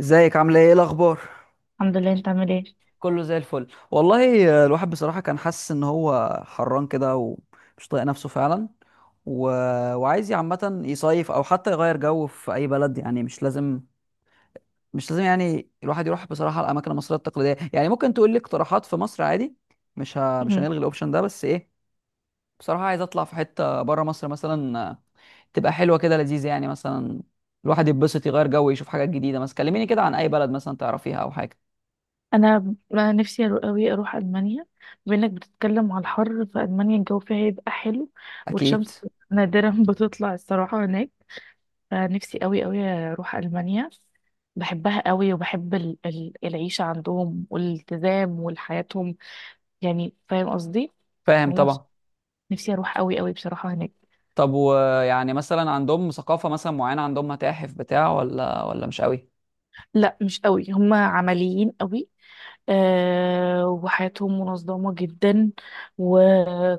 ازيك عامله ايه الاخبار؟ الحمد لله. انت عامل ايه؟ كله زي الفل والله. الواحد بصراحه كان حاسس ان هو حران كده ومش طايق نفسه فعلا. و... وعايز عامه يصيف او حتى يغير جو في اي بلد، يعني مش لازم يعني الواحد يروح بصراحه الاماكن المصريه التقليديه. يعني ممكن تقول لي اقتراحات في مصر عادي. مش مم. هنلغي الاوبشن ده، بس ايه بصراحه عايز اطلع في حته بره مصر مثلا. تبقى حلوه كده لذيذه يعني، مثلا الواحد يتبسط يغير جو يشوف حاجات جديده. مثلا كلميني كده عن اي بلد مثلا تعرفيها او حاجه. أنا نفسي قوي اروح المانيا. بانك بتتكلم على الحر في المانيا، الجو فيها هيبقى حلو اكيد. والشمس نادرا بتطلع الصراحه هناك. فنفسي قوي قوي اروح المانيا. بحبها قوي وبحب العيشه عندهم والالتزام وحياتهم، يعني فاهم قصدي. فاهم هما بص- طبعا. نفسي اروح قوي قوي بصراحه هناك. طب، ويعني مثلا عندهم ثقافة مثلا معينة؟ عندهم متاحف بتاع ولا مش قوي؟ لا مش قوي، هما عمليين قوي. آه، وحياتهم منظمة جدا،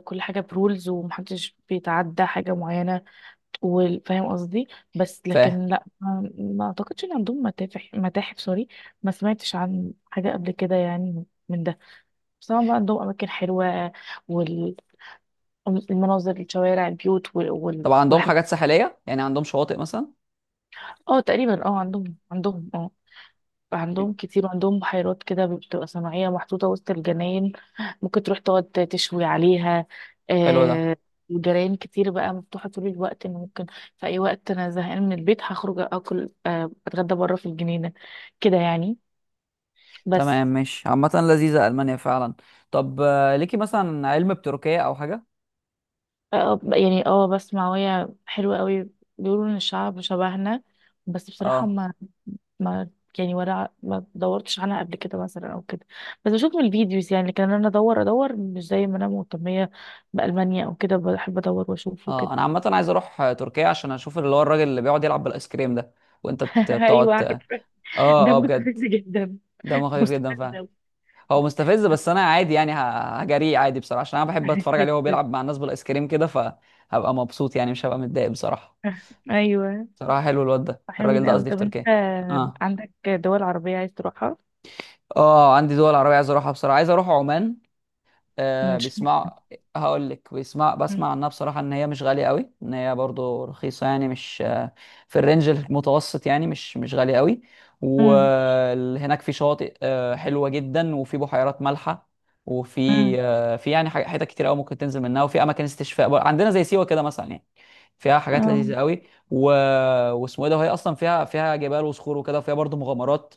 كل حاجة برولز ومحدش بيتعدى حاجة معينة، وفاهم قصدي. بس فاهم. لكن لا، ما اعتقدش ان عندهم متاحف، سوري، ما سمعتش عن حاجة قبل كده يعني من ده. بس طبعا بقى عندهم اماكن حلوة، والمناظر، الشوارع، البيوت طب عندهم والحاجات. حاجات ساحلية؟ يعني عندهم شواطئ مثلا؟ اه تقريبا اه، عندهم كتير، عندهم بحيرات كده بتبقى صناعية محطوطة وسط الجناين، ممكن تروح تقعد تشوي عليها حلو ده. آه. وجرايان كتير بقى مفتوحة طول الوقت، إن ممكن في أي وقت أنا زهقان من البيت هخرج أكل، أتغدى بره في الجنينة كده يعني بس. تمام ماشي، عامة لذيذة ألمانيا فعلا. طب ليكي مثلا علم بتركيا أو حاجة؟ يعني بس معوية حلوة قوي، بيقولوا إن الشعب شبهنا. بس بصراحة اه ما يعني، ولا ما دورتش عنها قبل كده مثلا او كده. بس بشوف من الفيديوز يعني، لكن انا ادور ادور مش زي ما انا مهتمية بألمانيا او كده، بحب ادور واشوف اه. وكده. أنا عامة عايز أروح تركيا، عشان أشوف اللي هو الراجل اللي بيقعد يلعب بالآيس كريم ده، وأنت ت- بتقعد ايوه، ت- عارف. ده اه اه بجد. مستفز جدا. دمه خفيف جدا مستفز فعلا. أوي. هو مستفز بس انا عادي يعني، هجريه عادي بصراحه عشان انا بحب اتفرج عليه وهو بيلعب مع الناس بالايس كريم كده، فهبقى مبسوط يعني مش هبقى متضايق بصراحه. ايوه، بصراحه حلو الواد ده، الراجل حلوين ده قوي. قصدي، في طب انت تركيا. اه عندك دول عربية عايز تروحها؟ اه. عندي دول عربيه عايز اروحها بصراحه. عايز اروح عمان. مش. بيسمع. هقول لك، بيسمع بسمع عنها بصراحة ان هي مش غالية قوي، ان هي برضو رخيصة يعني، مش آه في الرينج المتوسط يعني، مش غالية قوي. امم. وهناك في شواطئ حلوة جدا وفي بحيرات مالحة. وفي امم. في يعني حتت كتير قوي ممكن تنزل منها، وفي اماكن استشفاء عندنا زي سيوة كده مثلا يعني. فيها حاجات اه، لذيذة قوي. و... واسمه ايه ده، وهي اصلا فيها جبال وصخور وكده، وفيها برضو مغامرات.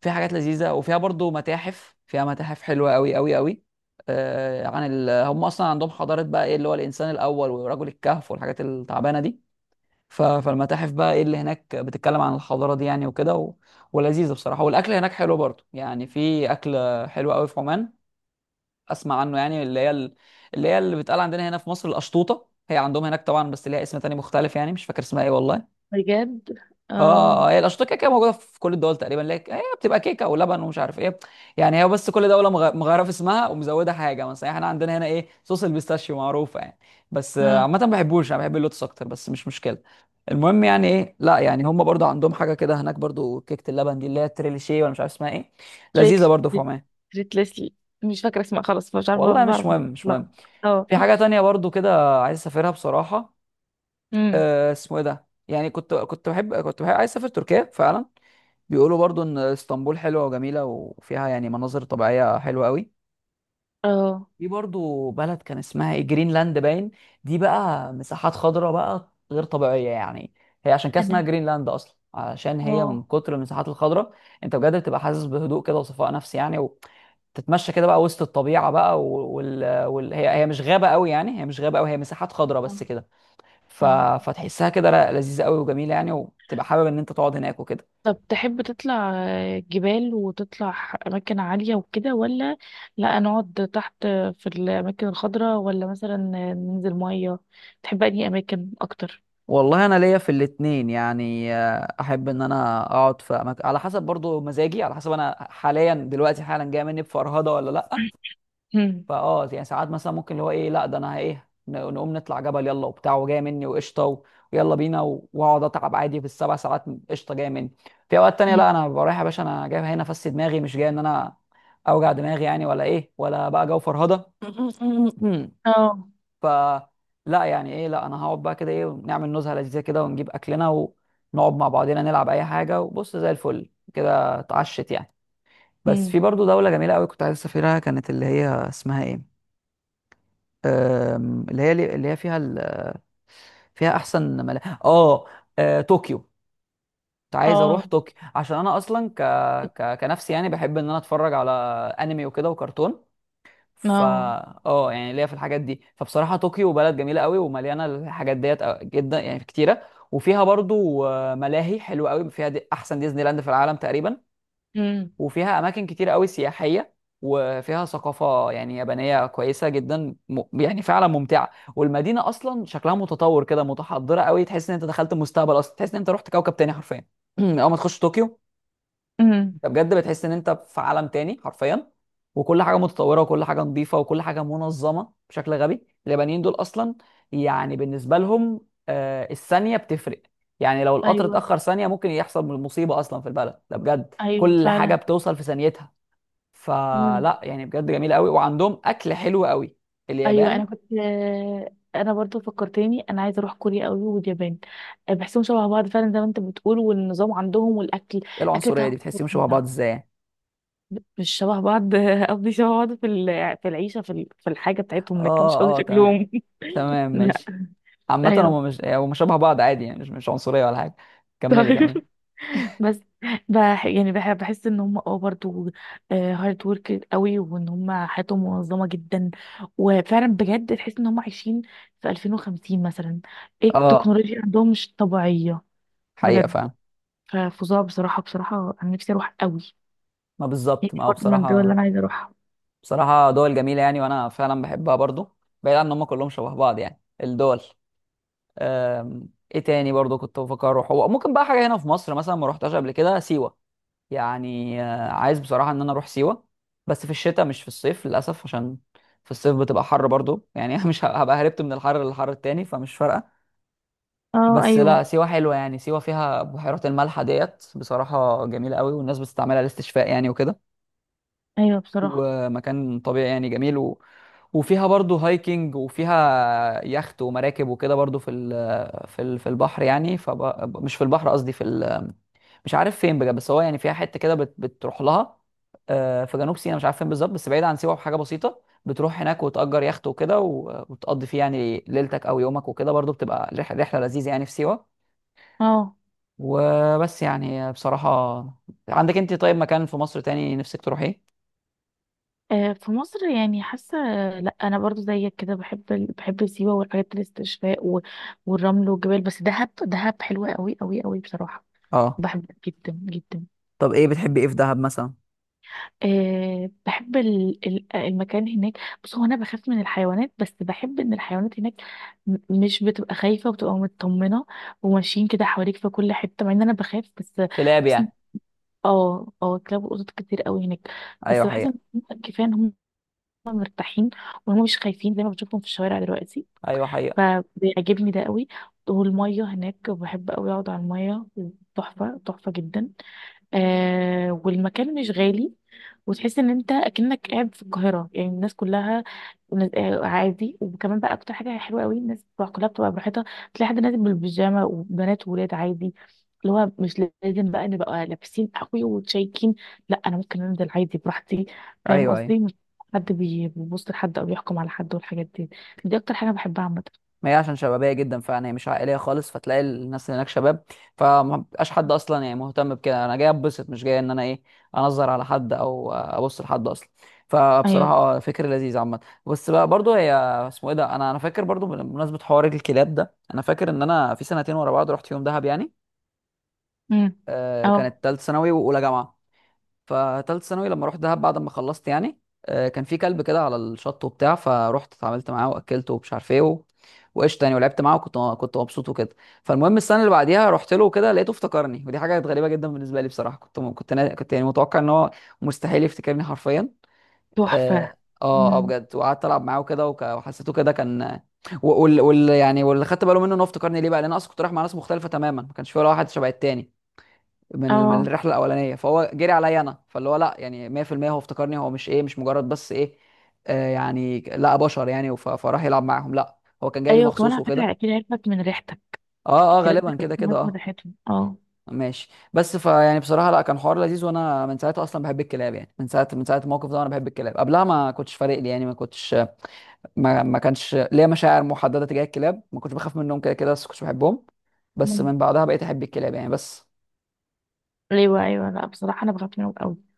في حاجات لذيذه، وفيها برضو متاحف، فيها متاحف حلوه قوي قوي قوي. آه عن هم اصلا عندهم حضاره بقى، ايه اللي هو الانسان الاول ورجل الكهف والحاجات التعبانه دي. فالمتاحف بقى ايه اللي هناك بتتكلم عن الحضاره دي يعني، وكده. ولذيذه بصراحه، والاكل هناك حلو برضو يعني. في اكل حلو قوي في عمان. اسمع عنه يعني، اللي هي اللي هي اللي بتقال عندنا هنا في مصر القشطوطه، هي عندهم هناك طبعا بس ليها اسم تاني مختلف يعني. مش فاكر اسمها ايه والله. بجد. اه اه، اه، هي الاشطه كده كده موجوده في كل الدول تقريبا. لك هي بتبقى كيكه ولبن ومش عارف ايه يعني، هي بس كل دوله مغيره في اسمها ومزوده حاجه مثلا. يعني احنا عندنا هنا ايه، صوص البيستاشيو معروفه يعني، بس اه. عامه ما بحبوش، انا بحب اللوتس اكتر بس مش مشكله. المهم يعني، ايه، لا يعني هم برضو عندهم حاجه كده هناك، برضو كيكه اللبن دي اللي هي تريليشيه ولا مش عارف اسمها ايه. تريت، لذيذه برضو في عمان. تريت ليسلي، مش فاكرة اسمها، خلاص مش عارفة، مش والله مش بعرف. مهم مش أتلخبط. مهم. اه. في حاجة تانية برضو كده عايز اسافرها بصراحة. امم. آه اسمه ايه ده، يعني كنت بحب عايز اسافر تركيا فعلا. بيقولوا برضو ان اسطنبول حلوه وجميله، وفيها يعني مناظر طبيعيه حلوه قوي. اه. في برضو بلد كان اسمها جرينلاند باين. دي بقى مساحات خضراء بقى غير طبيعيه يعني. هي عشان كده اسمها انا. جرينلاند اصلا، عشان هي من اه، كتر المساحات الخضراء. انت بجد بتبقى حاسس بهدوء كده وصفاء نفسي يعني، وتتمشى كده بقى وسط الطبيعه بقى، هي مش غابه قوي، يعني هي مش غابه قوي، هي مساحات خضراء اه. بس كده. ف... آه. فتحسها كده لذيذه قوي وجميله يعني، وتبقى حابب ان انت تقعد هناك وكده. طب تحب تطلع جبال وتطلع أماكن عالية وكده، ولا لا نقعد تحت في الأماكن الخضراء، ولا مثلا ننزل مية؟ تحب أنهي أماكن أكتر؟ والله انا ليا في الاتنين يعني. احب ان انا اقعد في أماكن على حسب برضو مزاجي، على حسب انا حاليا دلوقتي حالا جاي مني بفرهده ولا لا. مم. فاه يعني ساعات مثلا ممكن اللي هو ايه، لا ده انا ايه، نقوم نطلع جبل يلا وبتاع وجاي مني وقشطه، ويلا بينا واقعد اتعب عادي في السبع ساعات قشطه جاي مني. في اوقات تانية مم. لا، انا ببقى رايح يا باشا، انا جاي هنا افسي دماغي مش جاي ان انا اوجع دماغي يعني، ولا ايه ولا بقى جو فرهده اه. ف لا يعني ايه، لا انا هقعد بقى كده ايه، ونعمل نزهه لذيذه كده ونجيب اكلنا ونقعد مع بعضينا نلعب اي حاجه وبص زي الفل كده اتعشت يعني. بس في مم. برضو دوله جميله قوي كنت عايز اسافرها، كانت اللي هي اسمها ايه، اللي هي فيها فيها احسن اه. طوكيو. كنت عايز اه، اروح طوكيو، عشان انا اصلا كنفسي يعني، بحب ان انا اتفرج على انمي وكده وكرتون. فا اه. اه يعني ليا في الحاجات دي. فبصراحه طوكيو بلد جميله قوي، ومليانه الحاجات ديت جدا يعني كتيره. وفيها برضو ملاهي حلوه قوي، فيها دي احسن ديزني لاند في العالم تقريبا. مم. وفيها اماكن كتير قوي سياحيه، وفيها ثقافه يعني يابانيه كويسه جدا يعني فعلا ممتعه. والمدينه اصلا شكلها متطور كده، متحضره قوي، تحس ان انت دخلت المستقبل اصلا، تحس ان انت رحت كوكب تاني حرفيا اول ما تخش طوكيو. مم. انت بجد بتحس ان انت في عالم تاني حرفيا. وكل حاجه متطوره، وكل حاجه نظيفه، وكل حاجه منظمه بشكل غبي. اليابانيين دول اصلا يعني بالنسبه لهم الثانيه بتفرق. يعني لو القطر أيوه، اتاخر ثانيه ممكن يحصل مصيبه اصلا، في البلد ده بجد أيوه كل حاجه فعلا. بتوصل في ثانيتها. فلا يعني بجد جميله قوي، وعندهم اكل حلو قوي، ايوه انا اليابان. كنت، انا برضو فكرتني، انا عايزه اروح كوريا قوي واليابان. آه، بحسهم شبه بعض فعلا زي ما انت بتقول، والنظام عندهم والاكل. ايه الاكل العنصريه بتاعهم دي؟ بتحسيهم شبه بعض فظيع. ازاي يعني؟ مش شبه بعض قصدي شبه بعض في في العيشه، في في الحاجه بتاعتهم، لكن مش قصدي اه اه تمام. شكلهم. تمام لا. ماشي. عامه ايوه. هم مش هم شبه بعض عادي يعني، مش عنصريه ولا حاجه. كملي طيب. كملي. بس. بح يعني بح بحس ان هم اه برضه هارد ورك قوي، وان هم حياتهم منظمه جدا. وفعلا بجد تحس ان هم عايشين في 2050 مثلا. ايه اه التكنولوجيا عندهم، مش طبيعيه حقيقة بجد. فعلا. ففظاع بصراحه. بصراحه انا نفسي اروح قوي. ما بالظبط، نفسي ما هو برضه من الدول اللي انا بصراحة. عايزه اروحها. بصراحة دول جميلة يعني، وانا فعلا بحبها برضو، بعيد عن ان هم كلهم شبه بعض يعني الدول. أم... ايه تاني برضو كنت بفكر اروح، هو ممكن بقى حاجة هنا في مصر مثلا ما روحتهاش قبل كده، سيوة يعني. عايز بصراحة ان انا اروح سيوة، بس في الشتاء مش في الصيف للأسف، عشان في الصيف بتبقى حر برضو يعني أنا مش ه- هبقى هربت من الحر للحر التاني فمش فارقة. اه. بس ايوه، لا، سيوة حلوة يعني. سيوة فيها بحيرات الملح ديت بصراحة جميلة قوي، والناس بتستعملها للاستشفاء يعني وكده. ايوه بصراحه. ومكان طبيعي يعني جميل، وفيها برضو هايكنج، وفيها يخت ومراكب وكده برضو في في البحر يعني، مش في البحر قصدي في مش عارف فين بجد. بس هو يعني فيها حتة كده بتروح لها، في جنوب سيناء مش عارف فين بالظبط، بس بعيد عن سيوة بحاجة بسيطة. بتروح هناك وتأجر يخت وكده، وتقضي فيه يعني ليلتك أو يومك وكده، برضو بتبقى رحلة لذيذة يعني في سيوة. اه. وبس يعني بصراحة. عندك انت طيب مكان في مصر تاني نفسك تروحيه؟ آه، في مصر يعني، حاسه لا، انا برضو زيك كده، بحب بحب سيوه والحاجات، الاستشفاء والرمل والجبال. بس دهب، دهب حلوه قوي قوي قوي بصراحه. اه. بحبها جدا جدا. طب ايه بتحبي ايه في دهب مثلا؟ أه بحب المكان هناك. بص، هو انا بخاف من الحيوانات، بس بحب ان الحيوانات هناك م- مش بتبقى خايفه وبتبقى مطمنه، وماشيين كده حواليك في كل حته، مع ان انا بخاف بس. كلاب بحس إن- يعني. اه، اه كلاب وقطط كتير قوي هناك. ايوه بس بحس ان حقيقة. كفايه ان هم، هما مرتاحين، وهم مش خايفين زي ما بشوفهم في الشوارع دلوقتي، ايوه حقيقة. فبيعجبني ده قوي. والمية هناك، بحب قوي اقعد على المية، تحفة تحفة جدا. آه، والمكان مش غالي، وتحس ان انت اكنك قاعد في القاهره، يعني الناس كلها عادي. وكمان بقى اكتر حاجه حلوه قوي، الناس بتبقى كلها بتبقى براحتها، تلاقي حد نازل بالبيجامه، وبنات وولاد عادي، اللي هو مش لازم بقى نبقى لابسين قوي وتشيكين، لا انا ممكن انزل عادي براحتي. فاهم ايوه ايوه. قصدي؟ مش بيبص لحد او بيحكم على حد والحاجات دي. دي اكتر حاجه بحبها عامه. ما هي عشان شبابيه جدا فعلا، هي مش عائليه خالص، فتلاقي الناس اللي هناك شباب. فما بقاش حد اصلا يعني مهتم بكده. انا جاي اتبسط مش جاي ان انا ايه، انظر على حد او ابص لحد اصلا. فبصراحه ايوه. فكر لذيذ عامه. بس بقى برضو هي اسمه ايه ده، انا فاكر برضو بمناسبه حوار الكلاب ده، انا فاكر ان انا في سنتين ورا بعض رحت يوم دهب يعني. امم. اه. كانت ثالث ثانوي واولى جامعه. فتالت ثانوي لما رحت دهب بعد ما خلصت يعني، كان في كلب كده على الشط وبتاع. فروحت اتعاملت معاه واكلته ومش عارف ايه، وقشطه يعني ولعبت معاه، وكنت مبسوط وكده. فالمهم السنه اللي بعديها رحت له كده لقيته افتكرني، ودي حاجه كانت غريبه جدا بالنسبه لي بصراحه. كنت م- كنت نا- كنت يعني متوقع ان هو مستحيل يفتكرني حرفيا. تحفه. اه اه آه امم. بجد. وقعدت العب معاه وكده، وحسيته كده كان. و- وال وال يعني واللي خدت باله منه ان هو افتكرني ليه بقى، لان انا اصلا كنت رايح مع ناس مختلفه تماما، ما كانش في ولا واحد شبه التاني من اه. الرحله الاولانيه، فهو جري عليا انا. فاللي هو لا يعني 100% هو افتكرني، هو مش ايه مش مجرد بس ايه، آه يعني لا بشر يعني. فراح يلعب معاهم لا، هو كان جاي لي ايوه كمان مخصوص على فكره، وكده. اكيد عرفت من ريحتها، اه اه الكلاب غالبا بتبقى كده كده لازم اه. ريحتهم اه. ماشي. بس فيعني بصراحه لا، كان حوار لذيذ. وانا من ساعتها اصلا بحب الكلاب يعني. من ساعه الموقف ده وانا بحب الكلاب. قبلها ما كنتش فارق لي يعني، ما كنتش ما كانش ليا مشاعر محدده تجاه الكلاب، ما كنتش بخاف منهم كده كده بس كنتش بحبهم. بس مم. من بعدها بقيت احب الكلاب يعني، بس. ليه بقى؟ ايوه لا بصراحه انا بخاف منهم قوي